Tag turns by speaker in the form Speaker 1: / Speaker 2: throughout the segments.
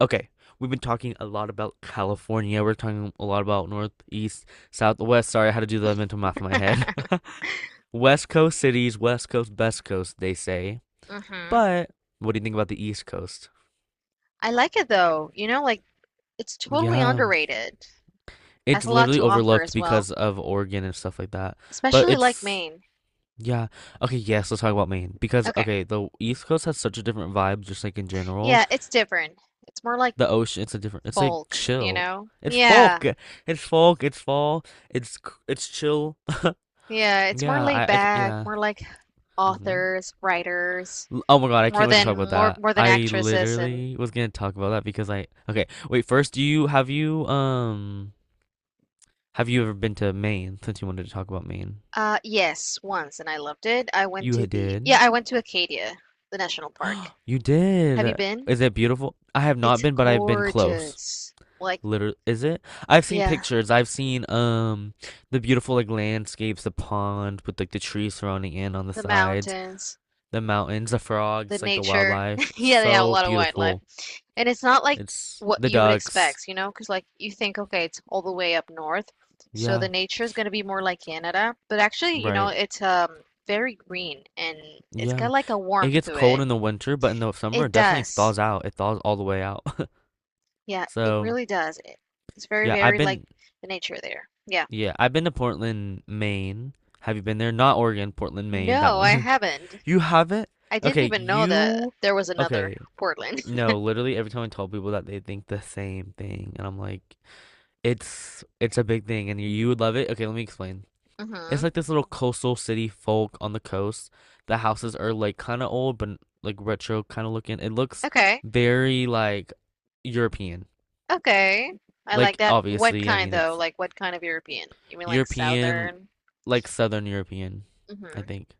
Speaker 1: Okay, we've been talking a lot about California. We're talking a lot about Northeast, south, west. Sorry, I had to do the mental math in my head. West Coast cities, West Coast, best coast, they say.
Speaker 2: hmm
Speaker 1: But what do you think about the East Coast?
Speaker 2: I like it though. You know, like it's totally
Speaker 1: Yeah,
Speaker 2: underrated. Has
Speaker 1: it's
Speaker 2: a lot
Speaker 1: literally
Speaker 2: to offer
Speaker 1: overlooked
Speaker 2: as well,
Speaker 1: because of Oregon and stuff like that. But
Speaker 2: especially like
Speaker 1: it's,
Speaker 2: Maine.
Speaker 1: yeah. Okay, yes, let's talk about Maine. Because,
Speaker 2: Okay.
Speaker 1: okay, the East Coast has such a different vibe, just like in general.
Speaker 2: Yeah, it's different. It's more like
Speaker 1: The ocean, it's like
Speaker 2: folk, you
Speaker 1: chill.
Speaker 2: know?
Speaker 1: It's
Speaker 2: Yeah.
Speaker 1: folk. It's folk. It's fall. It's it's chill.
Speaker 2: Yeah, it's more
Speaker 1: Yeah,
Speaker 2: laid back,
Speaker 1: yeah.
Speaker 2: more like
Speaker 1: Hmm.
Speaker 2: authors, writers,
Speaker 1: Oh my God, I can't
Speaker 2: more
Speaker 1: wait to talk
Speaker 2: than
Speaker 1: about
Speaker 2: more
Speaker 1: that.
Speaker 2: more than
Speaker 1: I
Speaker 2: actresses and
Speaker 1: literally was gonna talk about that because okay, wait, first, do you, have you, have you ever been to Maine since you wanted to talk about Maine?
Speaker 2: yes, once and I loved it.
Speaker 1: You ha- did?
Speaker 2: I went to Acadia, the national park.
Speaker 1: You
Speaker 2: Have you
Speaker 1: did.
Speaker 2: been?
Speaker 1: Is it beautiful? I have not
Speaker 2: It's
Speaker 1: been, but I've been close.
Speaker 2: gorgeous. Like,
Speaker 1: Literally, is it? I've seen
Speaker 2: yeah.
Speaker 1: pictures. I've seen, the beautiful, like, landscapes, the pond with, like, the trees surrounding it on the
Speaker 2: The
Speaker 1: sides,
Speaker 2: mountains,
Speaker 1: the mountains, the
Speaker 2: the
Speaker 1: frogs, like, the
Speaker 2: nature.
Speaker 1: wildlife.
Speaker 2: Yeah, they have a
Speaker 1: So
Speaker 2: lot of wildlife.
Speaker 1: beautiful.
Speaker 2: And it's not like
Speaker 1: It's
Speaker 2: what
Speaker 1: the
Speaker 2: you would
Speaker 1: ducks.
Speaker 2: expect, you know, because like you think, okay, it's all the way up north, so the
Speaker 1: Yeah,
Speaker 2: nature is going to be more like Canada, but actually,
Speaker 1: right.
Speaker 2: it's very green and it's got
Speaker 1: Yeah.
Speaker 2: like a
Speaker 1: It
Speaker 2: warmth
Speaker 1: gets
Speaker 2: to
Speaker 1: cold
Speaker 2: it.
Speaker 1: in the winter, but in the summer
Speaker 2: It
Speaker 1: it definitely
Speaker 2: does.
Speaker 1: thaws out. It thaws all the way out.
Speaker 2: Yeah, it
Speaker 1: So,
Speaker 2: really does. It's very,
Speaker 1: yeah, I've
Speaker 2: very like
Speaker 1: been
Speaker 2: the nature there. Yeah.
Speaker 1: yeah, I've been to Portland, Maine. Have you been there? Not Oregon, Portland, Maine, that
Speaker 2: No, I
Speaker 1: one.
Speaker 2: haven't.
Speaker 1: You haven't?
Speaker 2: I didn't
Speaker 1: Okay,
Speaker 2: even know that
Speaker 1: you
Speaker 2: there was another
Speaker 1: okay.
Speaker 2: Portland.
Speaker 1: No, literally every time I tell people that they think the same thing and I'm like, it's a big thing and you would love it. Okay, let me explain. It's
Speaker 2: hmm
Speaker 1: like this little coastal city folk on the coast. The houses are like kind of old, but like retro kind of looking. It looks
Speaker 2: Okay.
Speaker 1: very like European.
Speaker 2: Okay. I like
Speaker 1: Like
Speaker 2: that. What
Speaker 1: obviously, I
Speaker 2: kind
Speaker 1: mean
Speaker 2: though?
Speaker 1: it's
Speaker 2: Like what kind of European? You mean like
Speaker 1: European,
Speaker 2: Southern?
Speaker 1: like Southern European. I
Speaker 2: Mm-hmm.
Speaker 1: think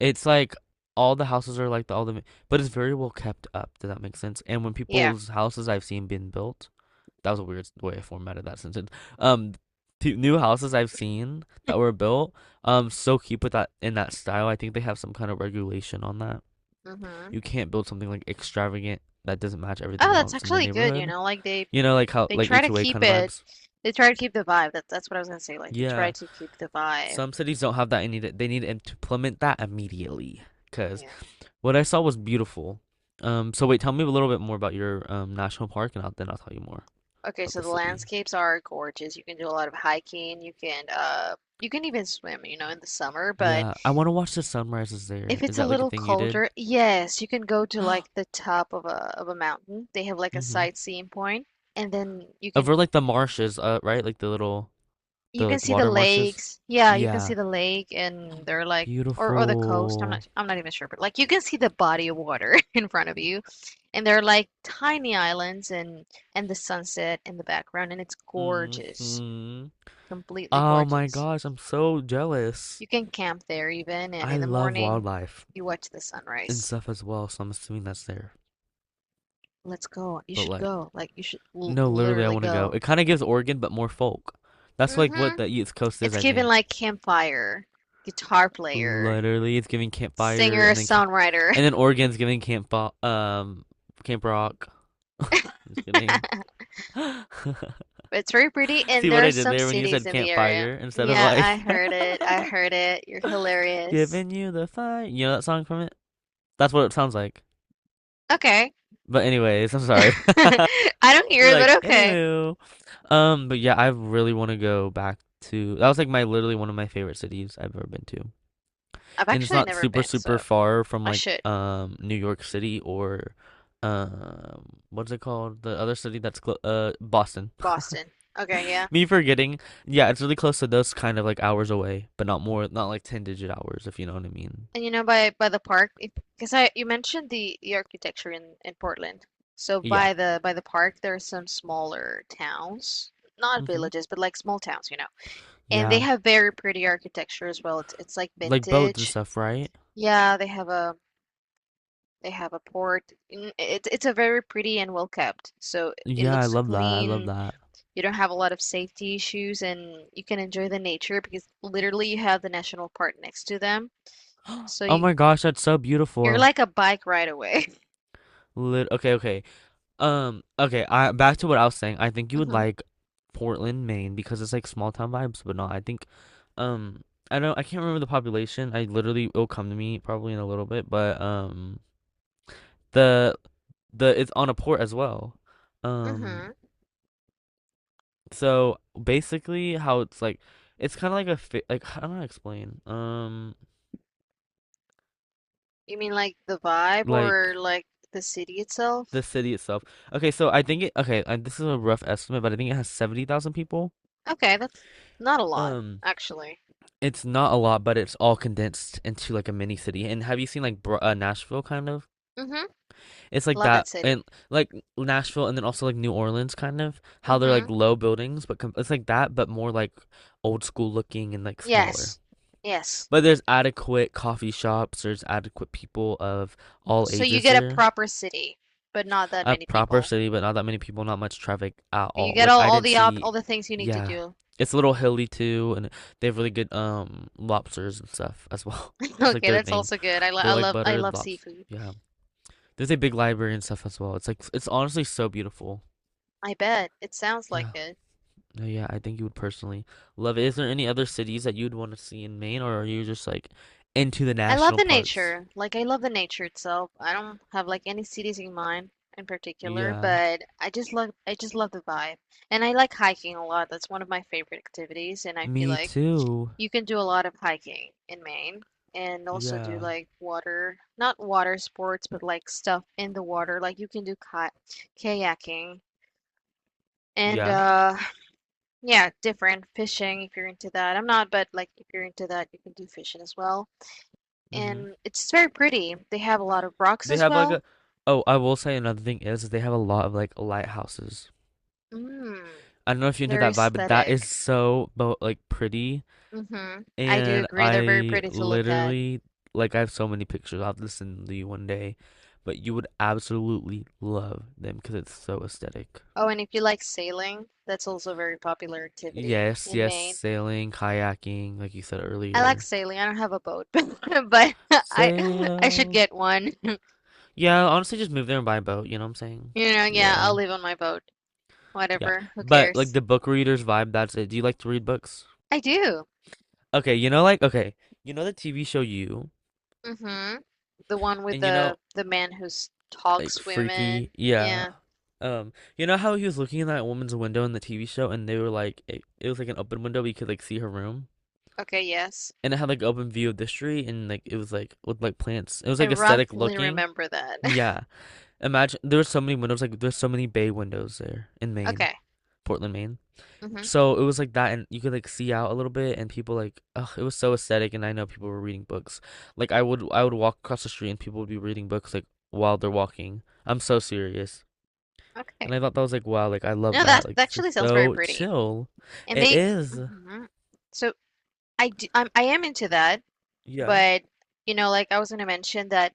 Speaker 1: it's like all the houses are like but it's very well kept up. Does that make sense? And when
Speaker 2: Yeah.
Speaker 1: people's houses I've seen been built, that was a weird way I formatted that sentence. Um, Two new houses I've seen that were built. So keep with that in that style. I think they have some kind of regulation on that.
Speaker 2: Mm-hmm.
Speaker 1: You can't build something like extravagant that doesn't match
Speaker 2: Oh,
Speaker 1: everything
Speaker 2: that's
Speaker 1: else in the
Speaker 2: actually good, you
Speaker 1: neighborhood.
Speaker 2: know, like they
Speaker 1: You know, like how
Speaker 2: they
Speaker 1: like
Speaker 2: try to
Speaker 1: HOA
Speaker 2: keep
Speaker 1: kind of
Speaker 2: it
Speaker 1: vibes.
Speaker 2: they try to keep the vibe. That that's what I was gonna say. Like they try
Speaker 1: Yeah,
Speaker 2: to keep the vibe.
Speaker 1: some cities don't have that, and need it. They need to implement that immediately. Cause
Speaker 2: Yeah.
Speaker 1: what I saw was beautiful. So wait, tell me a little bit more about your national park, and then I'll tell you more
Speaker 2: Okay,
Speaker 1: about
Speaker 2: so
Speaker 1: the
Speaker 2: the
Speaker 1: city.
Speaker 2: landscapes are gorgeous. You can do a lot of hiking, you can even swim, you know, in the summer, but
Speaker 1: Yeah, I want to watch the sunrises
Speaker 2: if
Speaker 1: there. Is
Speaker 2: it's a
Speaker 1: that like a
Speaker 2: little
Speaker 1: thing you did?
Speaker 2: colder, yes, you can go to like the top of a mountain. They have like a
Speaker 1: Mm-hmm.
Speaker 2: sightseeing point, and then
Speaker 1: Over like the marshes, right? Like the little,
Speaker 2: you
Speaker 1: the
Speaker 2: can
Speaker 1: like
Speaker 2: see the
Speaker 1: water marshes.
Speaker 2: lakes. Yeah, you can see
Speaker 1: Yeah,
Speaker 2: the lake and they're like or the coast. I'm
Speaker 1: beautiful.
Speaker 2: not I'm not even sure, but like you can see the body of water in front of you. And they're like tiny islands and the sunset in the background and it's gorgeous.
Speaker 1: Mm-hmm.
Speaker 2: Completely
Speaker 1: Oh my
Speaker 2: gorgeous.
Speaker 1: gosh, I'm so jealous.
Speaker 2: You can camp there even and
Speaker 1: I
Speaker 2: in the
Speaker 1: love
Speaker 2: morning
Speaker 1: wildlife
Speaker 2: you watch the
Speaker 1: and
Speaker 2: sunrise.
Speaker 1: stuff as well, so I'm assuming that's there.
Speaker 2: Let's go. You
Speaker 1: But
Speaker 2: should
Speaker 1: like,
Speaker 2: go. Like you should l
Speaker 1: no, literally, I
Speaker 2: literally
Speaker 1: want to go.
Speaker 2: go.
Speaker 1: It kind of gives Oregon, but more folk. That's like what
Speaker 2: Hmm
Speaker 1: the East Coast is,
Speaker 2: It's
Speaker 1: I
Speaker 2: given
Speaker 1: think.
Speaker 2: like campfire, guitar player,
Speaker 1: Literally, it's giving campfire,
Speaker 2: singer, songwriter.
Speaker 1: and then Oregon's giving Camp Rock. I'm Just kidding.
Speaker 2: It's very pretty,
Speaker 1: See
Speaker 2: and
Speaker 1: what
Speaker 2: there are
Speaker 1: I did
Speaker 2: some
Speaker 1: there when you
Speaker 2: cities
Speaker 1: said
Speaker 2: in the area.
Speaker 1: campfire instead of
Speaker 2: Yeah, I
Speaker 1: like
Speaker 2: heard it. I heard it. You're hilarious.
Speaker 1: giving you the fire. You know that song from it? That's what it sounds like.
Speaker 2: Okay.
Speaker 1: But anyways, I'm sorry.
Speaker 2: I don't hear
Speaker 1: You're
Speaker 2: it,
Speaker 1: like,
Speaker 2: but okay.
Speaker 1: anywho. But yeah, I really want to go back to. That was like my literally one of my favorite cities I've ever been to.
Speaker 2: I've
Speaker 1: And it's
Speaker 2: actually
Speaker 1: not
Speaker 2: never
Speaker 1: super
Speaker 2: been,
Speaker 1: super
Speaker 2: so
Speaker 1: far from
Speaker 2: I
Speaker 1: like
Speaker 2: should.
Speaker 1: New York City or what's it called, the other city that's Boston.
Speaker 2: Boston. Okay, yeah.
Speaker 1: Me forgetting. Yeah, it's really close to those, kind of like hours away, but not like 10 digit hours, if you know what I mean.
Speaker 2: And you know, by the park, because I you mentioned the architecture in Portland. So
Speaker 1: Yeah.
Speaker 2: by the park, there are some smaller towns, not
Speaker 1: Mhm.
Speaker 2: villages, but like small towns, you know. And they
Speaker 1: Yeah.
Speaker 2: have very pretty architecture as well. It's like
Speaker 1: Like boats and
Speaker 2: vintage.
Speaker 1: stuff, right?
Speaker 2: Yeah, they have a They have a port. It's a very pretty and well kept. So it
Speaker 1: Yeah, I
Speaker 2: looks
Speaker 1: love that. I love
Speaker 2: clean.
Speaker 1: that.
Speaker 2: You don't have a lot of safety issues and you can enjoy the nature because literally you have the national park next to them. So
Speaker 1: Oh
Speaker 2: you,
Speaker 1: my gosh, that's so
Speaker 2: you're
Speaker 1: beautiful.
Speaker 2: like a bike ride away.
Speaker 1: Okay, okay. Okay, I back to what I was saying. I think you would
Speaker 2: hmm
Speaker 1: like Portland, Maine because it's like small town vibes, but no, I think, um I can't remember the population. I literally It'll come to me probably in a little bit, but the the it's on a port as well. Um
Speaker 2: hmm
Speaker 1: so basically, how it's like, it's kind of like like I don't know how to explain.
Speaker 2: You mean like the vibe or
Speaker 1: Like
Speaker 2: like the city itself?
Speaker 1: the city itself. Okay, so I think, this is a rough estimate, but I think it has 70,000 people.
Speaker 2: Okay, that's not a lot,
Speaker 1: Um
Speaker 2: actually.
Speaker 1: It's not a lot, but it's all condensed into like a mini city. And have you seen like Nashville kind of?
Speaker 2: Hmm
Speaker 1: It's like
Speaker 2: Love that
Speaker 1: that, and
Speaker 2: city.
Speaker 1: like Nashville, and then also like New Orleans kind of. How they're
Speaker 2: Hmm
Speaker 1: like low buildings, but it's like that, but more like old school looking and like smaller.
Speaker 2: Yes. Yes.
Speaker 1: But there's adequate coffee shops. There's adequate people of all
Speaker 2: So you
Speaker 1: ages
Speaker 2: get a
Speaker 1: there.
Speaker 2: proper city, but not that
Speaker 1: A
Speaker 2: many
Speaker 1: proper
Speaker 2: people.
Speaker 1: city, but not that many people, not much traffic at
Speaker 2: You
Speaker 1: all.
Speaker 2: get
Speaker 1: Like
Speaker 2: all,
Speaker 1: I
Speaker 2: all
Speaker 1: didn't
Speaker 2: the op
Speaker 1: see,
Speaker 2: all the things you need to
Speaker 1: Yeah,
Speaker 2: do.
Speaker 1: it's a little hilly too, and they have really good lobsters and stuff as well. It's like
Speaker 2: Okay,
Speaker 1: their
Speaker 2: that's
Speaker 1: thing.
Speaker 2: also good.
Speaker 1: They
Speaker 2: I
Speaker 1: like
Speaker 2: love I
Speaker 1: buttered
Speaker 2: love
Speaker 1: lobster.
Speaker 2: seafood.
Speaker 1: Yeah, there's a big library and stuff as well. It's like it's honestly so beautiful.
Speaker 2: I bet. It sounds like
Speaker 1: Yeah,
Speaker 2: it.
Speaker 1: no, yeah, I think you would personally love it. Is there any other cities that you'd want to see in Maine, or are you just like into the
Speaker 2: I love
Speaker 1: national
Speaker 2: the
Speaker 1: parks?
Speaker 2: nature. Like I love the nature itself. I don't have like any cities in mind in particular,
Speaker 1: Yeah,
Speaker 2: but I just love the vibe. And I like hiking a lot. That's one of my favorite activities, and I feel
Speaker 1: me
Speaker 2: like
Speaker 1: too.
Speaker 2: you can do a lot of hiking in Maine and also do
Speaker 1: Yeah,
Speaker 2: like water, not water sports, but like stuff in the water. Like you can do ki kayaking and
Speaker 1: yeah.
Speaker 2: Yeah, different fishing if you're into that. I'm not, but like if you're into that, you can do fishing as well.
Speaker 1: Mm-hmm.
Speaker 2: And it's very pretty. They have a lot of rocks
Speaker 1: They
Speaker 2: as
Speaker 1: have like
Speaker 2: well.
Speaker 1: a. Oh, I will say another thing is they have a lot of like lighthouses.
Speaker 2: Mm,
Speaker 1: I don't know if you're into
Speaker 2: very
Speaker 1: that vibe, but that is
Speaker 2: aesthetic.
Speaker 1: so like pretty.
Speaker 2: Mm-hmm. I do
Speaker 1: And
Speaker 2: agree. They're very
Speaker 1: I
Speaker 2: pretty to look at.
Speaker 1: literally, like, I have so many pictures. I'll have to send to you one day, but you would absolutely love them because it's so aesthetic.
Speaker 2: Oh, and if you like sailing, that's also a very popular activity
Speaker 1: Yes,
Speaker 2: in
Speaker 1: yes,
Speaker 2: Maine.
Speaker 1: sailing, kayaking, like you said
Speaker 2: I like
Speaker 1: earlier.
Speaker 2: sailing. I don't have a boat, but I I should
Speaker 1: Sail.
Speaker 2: get one.
Speaker 1: Yeah, honestly, just move there and buy a boat. You know what I'm saying?
Speaker 2: You know, yeah, I'll
Speaker 1: Yeah,
Speaker 2: live on my boat.
Speaker 1: yeah.
Speaker 2: Whatever. Who
Speaker 1: But like
Speaker 2: cares?
Speaker 1: the book readers vibe, that's it. Do you like to read books?
Speaker 2: I do.
Speaker 1: Okay, you know, like, okay, you know the TV show You,
Speaker 2: Mm-hmm. The one with
Speaker 1: and you
Speaker 2: the
Speaker 1: know,
Speaker 2: the man who
Speaker 1: like,
Speaker 2: talks
Speaker 1: Freaky,
Speaker 2: women.
Speaker 1: yeah.
Speaker 2: Yeah.
Speaker 1: Um, you know how he was looking in that woman's window in the TV show, and they were like, it was like an open window, but you could like see her room,
Speaker 2: Okay, yes.
Speaker 1: and it had like open view of the street, and like it was like with like plants. It was
Speaker 2: I
Speaker 1: like aesthetic
Speaker 2: roughly
Speaker 1: looking.
Speaker 2: remember that.
Speaker 1: Yeah, imagine there were so many windows, like there's so many bay windows there in Maine,
Speaker 2: Okay.
Speaker 1: Portland, Maine.
Speaker 2: Mm-hmm.
Speaker 1: So it was like that, and you could like see out a little bit, and people like, ugh, it was so aesthetic. And I know people were reading books. Like I would walk across the street, and people would be reading books like while they're walking. I'm so serious, and
Speaker 2: Okay.
Speaker 1: I thought that was like, wow, like I love
Speaker 2: No, that
Speaker 1: that. Like
Speaker 2: that
Speaker 1: this is
Speaker 2: actually sounds very
Speaker 1: so
Speaker 2: pretty.
Speaker 1: chill.
Speaker 2: And
Speaker 1: It
Speaker 2: they
Speaker 1: is.
Speaker 2: hmm So I am into that,
Speaker 1: Yeah.
Speaker 2: but you know, like I was gonna mention that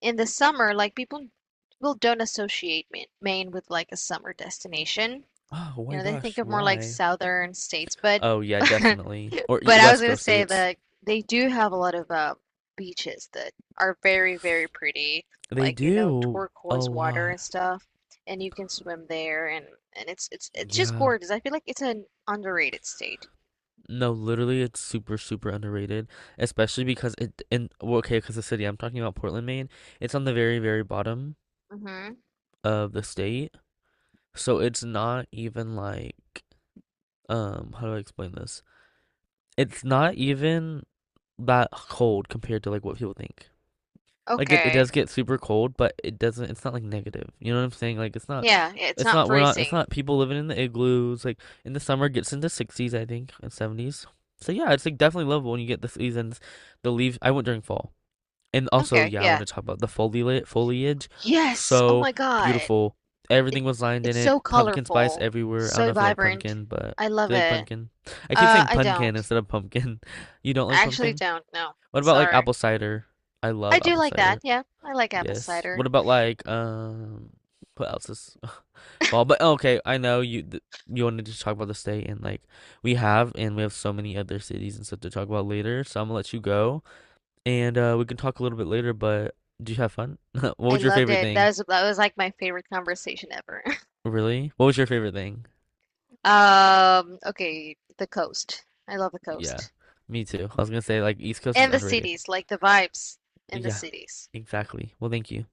Speaker 2: in the summer, like people don't associate Maine with like a summer destination.
Speaker 1: Oh
Speaker 2: You
Speaker 1: my
Speaker 2: know, they
Speaker 1: gosh,
Speaker 2: think of more like
Speaker 1: why?
Speaker 2: southern states, but
Speaker 1: Oh yeah, definitely. Or
Speaker 2: But I was
Speaker 1: West
Speaker 2: gonna
Speaker 1: Coast
Speaker 2: say
Speaker 1: states,
Speaker 2: that they do have a lot of beaches that are very, very pretty,
Speaker 1: they
Speaker 2: like you know,
Speaker 1: do a
Speaker 2: turquoise water
Speaker 1: lot.
Speaker 2: and stuff, and you can swim there, and it's it's just
Speaker 1: Yeah.
Speaker 2: gorgeous. I feel like it's an underrated state.
Speaker 1: No, literally, it's super, super underrated, especially because it in well, okay, because the city I'm talking about, Portland, Maine, it's on the very, very bottom
Speaker 2: Mm-hmm.
Speaker 1: of the state, so it's not even like, how do I explain this? It's not even that cold compared to like what people think. Like it
Speaker 2: Okay.
Speaker 1: does get super cold, but it's not like negative. You know what I'm saying? Like it's not
Speaker 2: Yeah, yeah, it's
Speaker 1: it's
Speaker 2: not
Speaker 1: not we're not it's
Speaker 2: freezing.
Speaker 1: not people living in the igloos. Like in the summer it gets into sixties, I think, and seventies. So yeah, it's like definitely lovable when you get the seasons, the leaves. I went during fall. And also,
Speaker 2: Okay,
Speaker 1: yeah, I want
Speaker 2: yeah.
Speaker 1: to talk about the foliage.
Speaker 2: Yes. Oh
Speaker 1: So
Speaker 2: my God.
Speaker 1: beautiful.
Speaker 2: It
Speaker 1: Everything was lined in
Speaker 2: it's
Speaker 1: it.
Speaker 2: so
Speaker 1: Pumpkin spice
Speaker 2: colorful,
Speaker 1: everywhere. I don't
Speaker 2: so
Speaker 1: know if you like
Speaker 2: vibrant.
Speaker 1: pumpkin, but
Speaker 2: I love
Speaker 1: do you like
Speaker 2: it.
Speaker 1: pumpkin? I keep saying
Speaker 2: I
Speaker 1: pumpkin
Speaker 2: don't.
Speaker 1: instead of pumpkin. You don't like
Speaker 2: I actually
Speaker 1: pumpkin?
Speaker 2: don't. No.
Speaker 1: What about like
Speaker 2: Sorry.
Speaker 1: apple cider? I
Speaker 2: I
Speaker 1: love
Speaker 2: do
Speaker 1: apple
Speaker 2: like that.
Speaker 1: cider.
Speaker 2: Yeah, I like apple
Speaker 1: Yes.
Speaker 2: cider.
Speaker 1: What about like what else is fall? But okay, I know you wanted to talk about the state, and like we have so many other cities and stuff to talk about later. So I'm gonna let you go, and we can talk a little bit later, but do you have fun? What
Speaker 2: I
Speaker 1: was your
Speaker 2: loved
Speaker 1: favorite
Speaker 2: it. That
Speaker 1: thing?
Speaker 2: was that was like my favorite conversation ever.
Speaker 1: Really? What was your favorite thing?
Speaker 2: Okay, the coast. I love the
Speaker 1: Yeah,
Speaker 2: coast.
Speaker 1: me too. I was gonna say like East Coast is
Speaker 2: And the
Speaker 1: underrated.
Speaker 2: cities, like the vibes in the
Speaker 1: Yeah,
Speaker 2: cities.
Speaker 1: exactly. Well, thank you.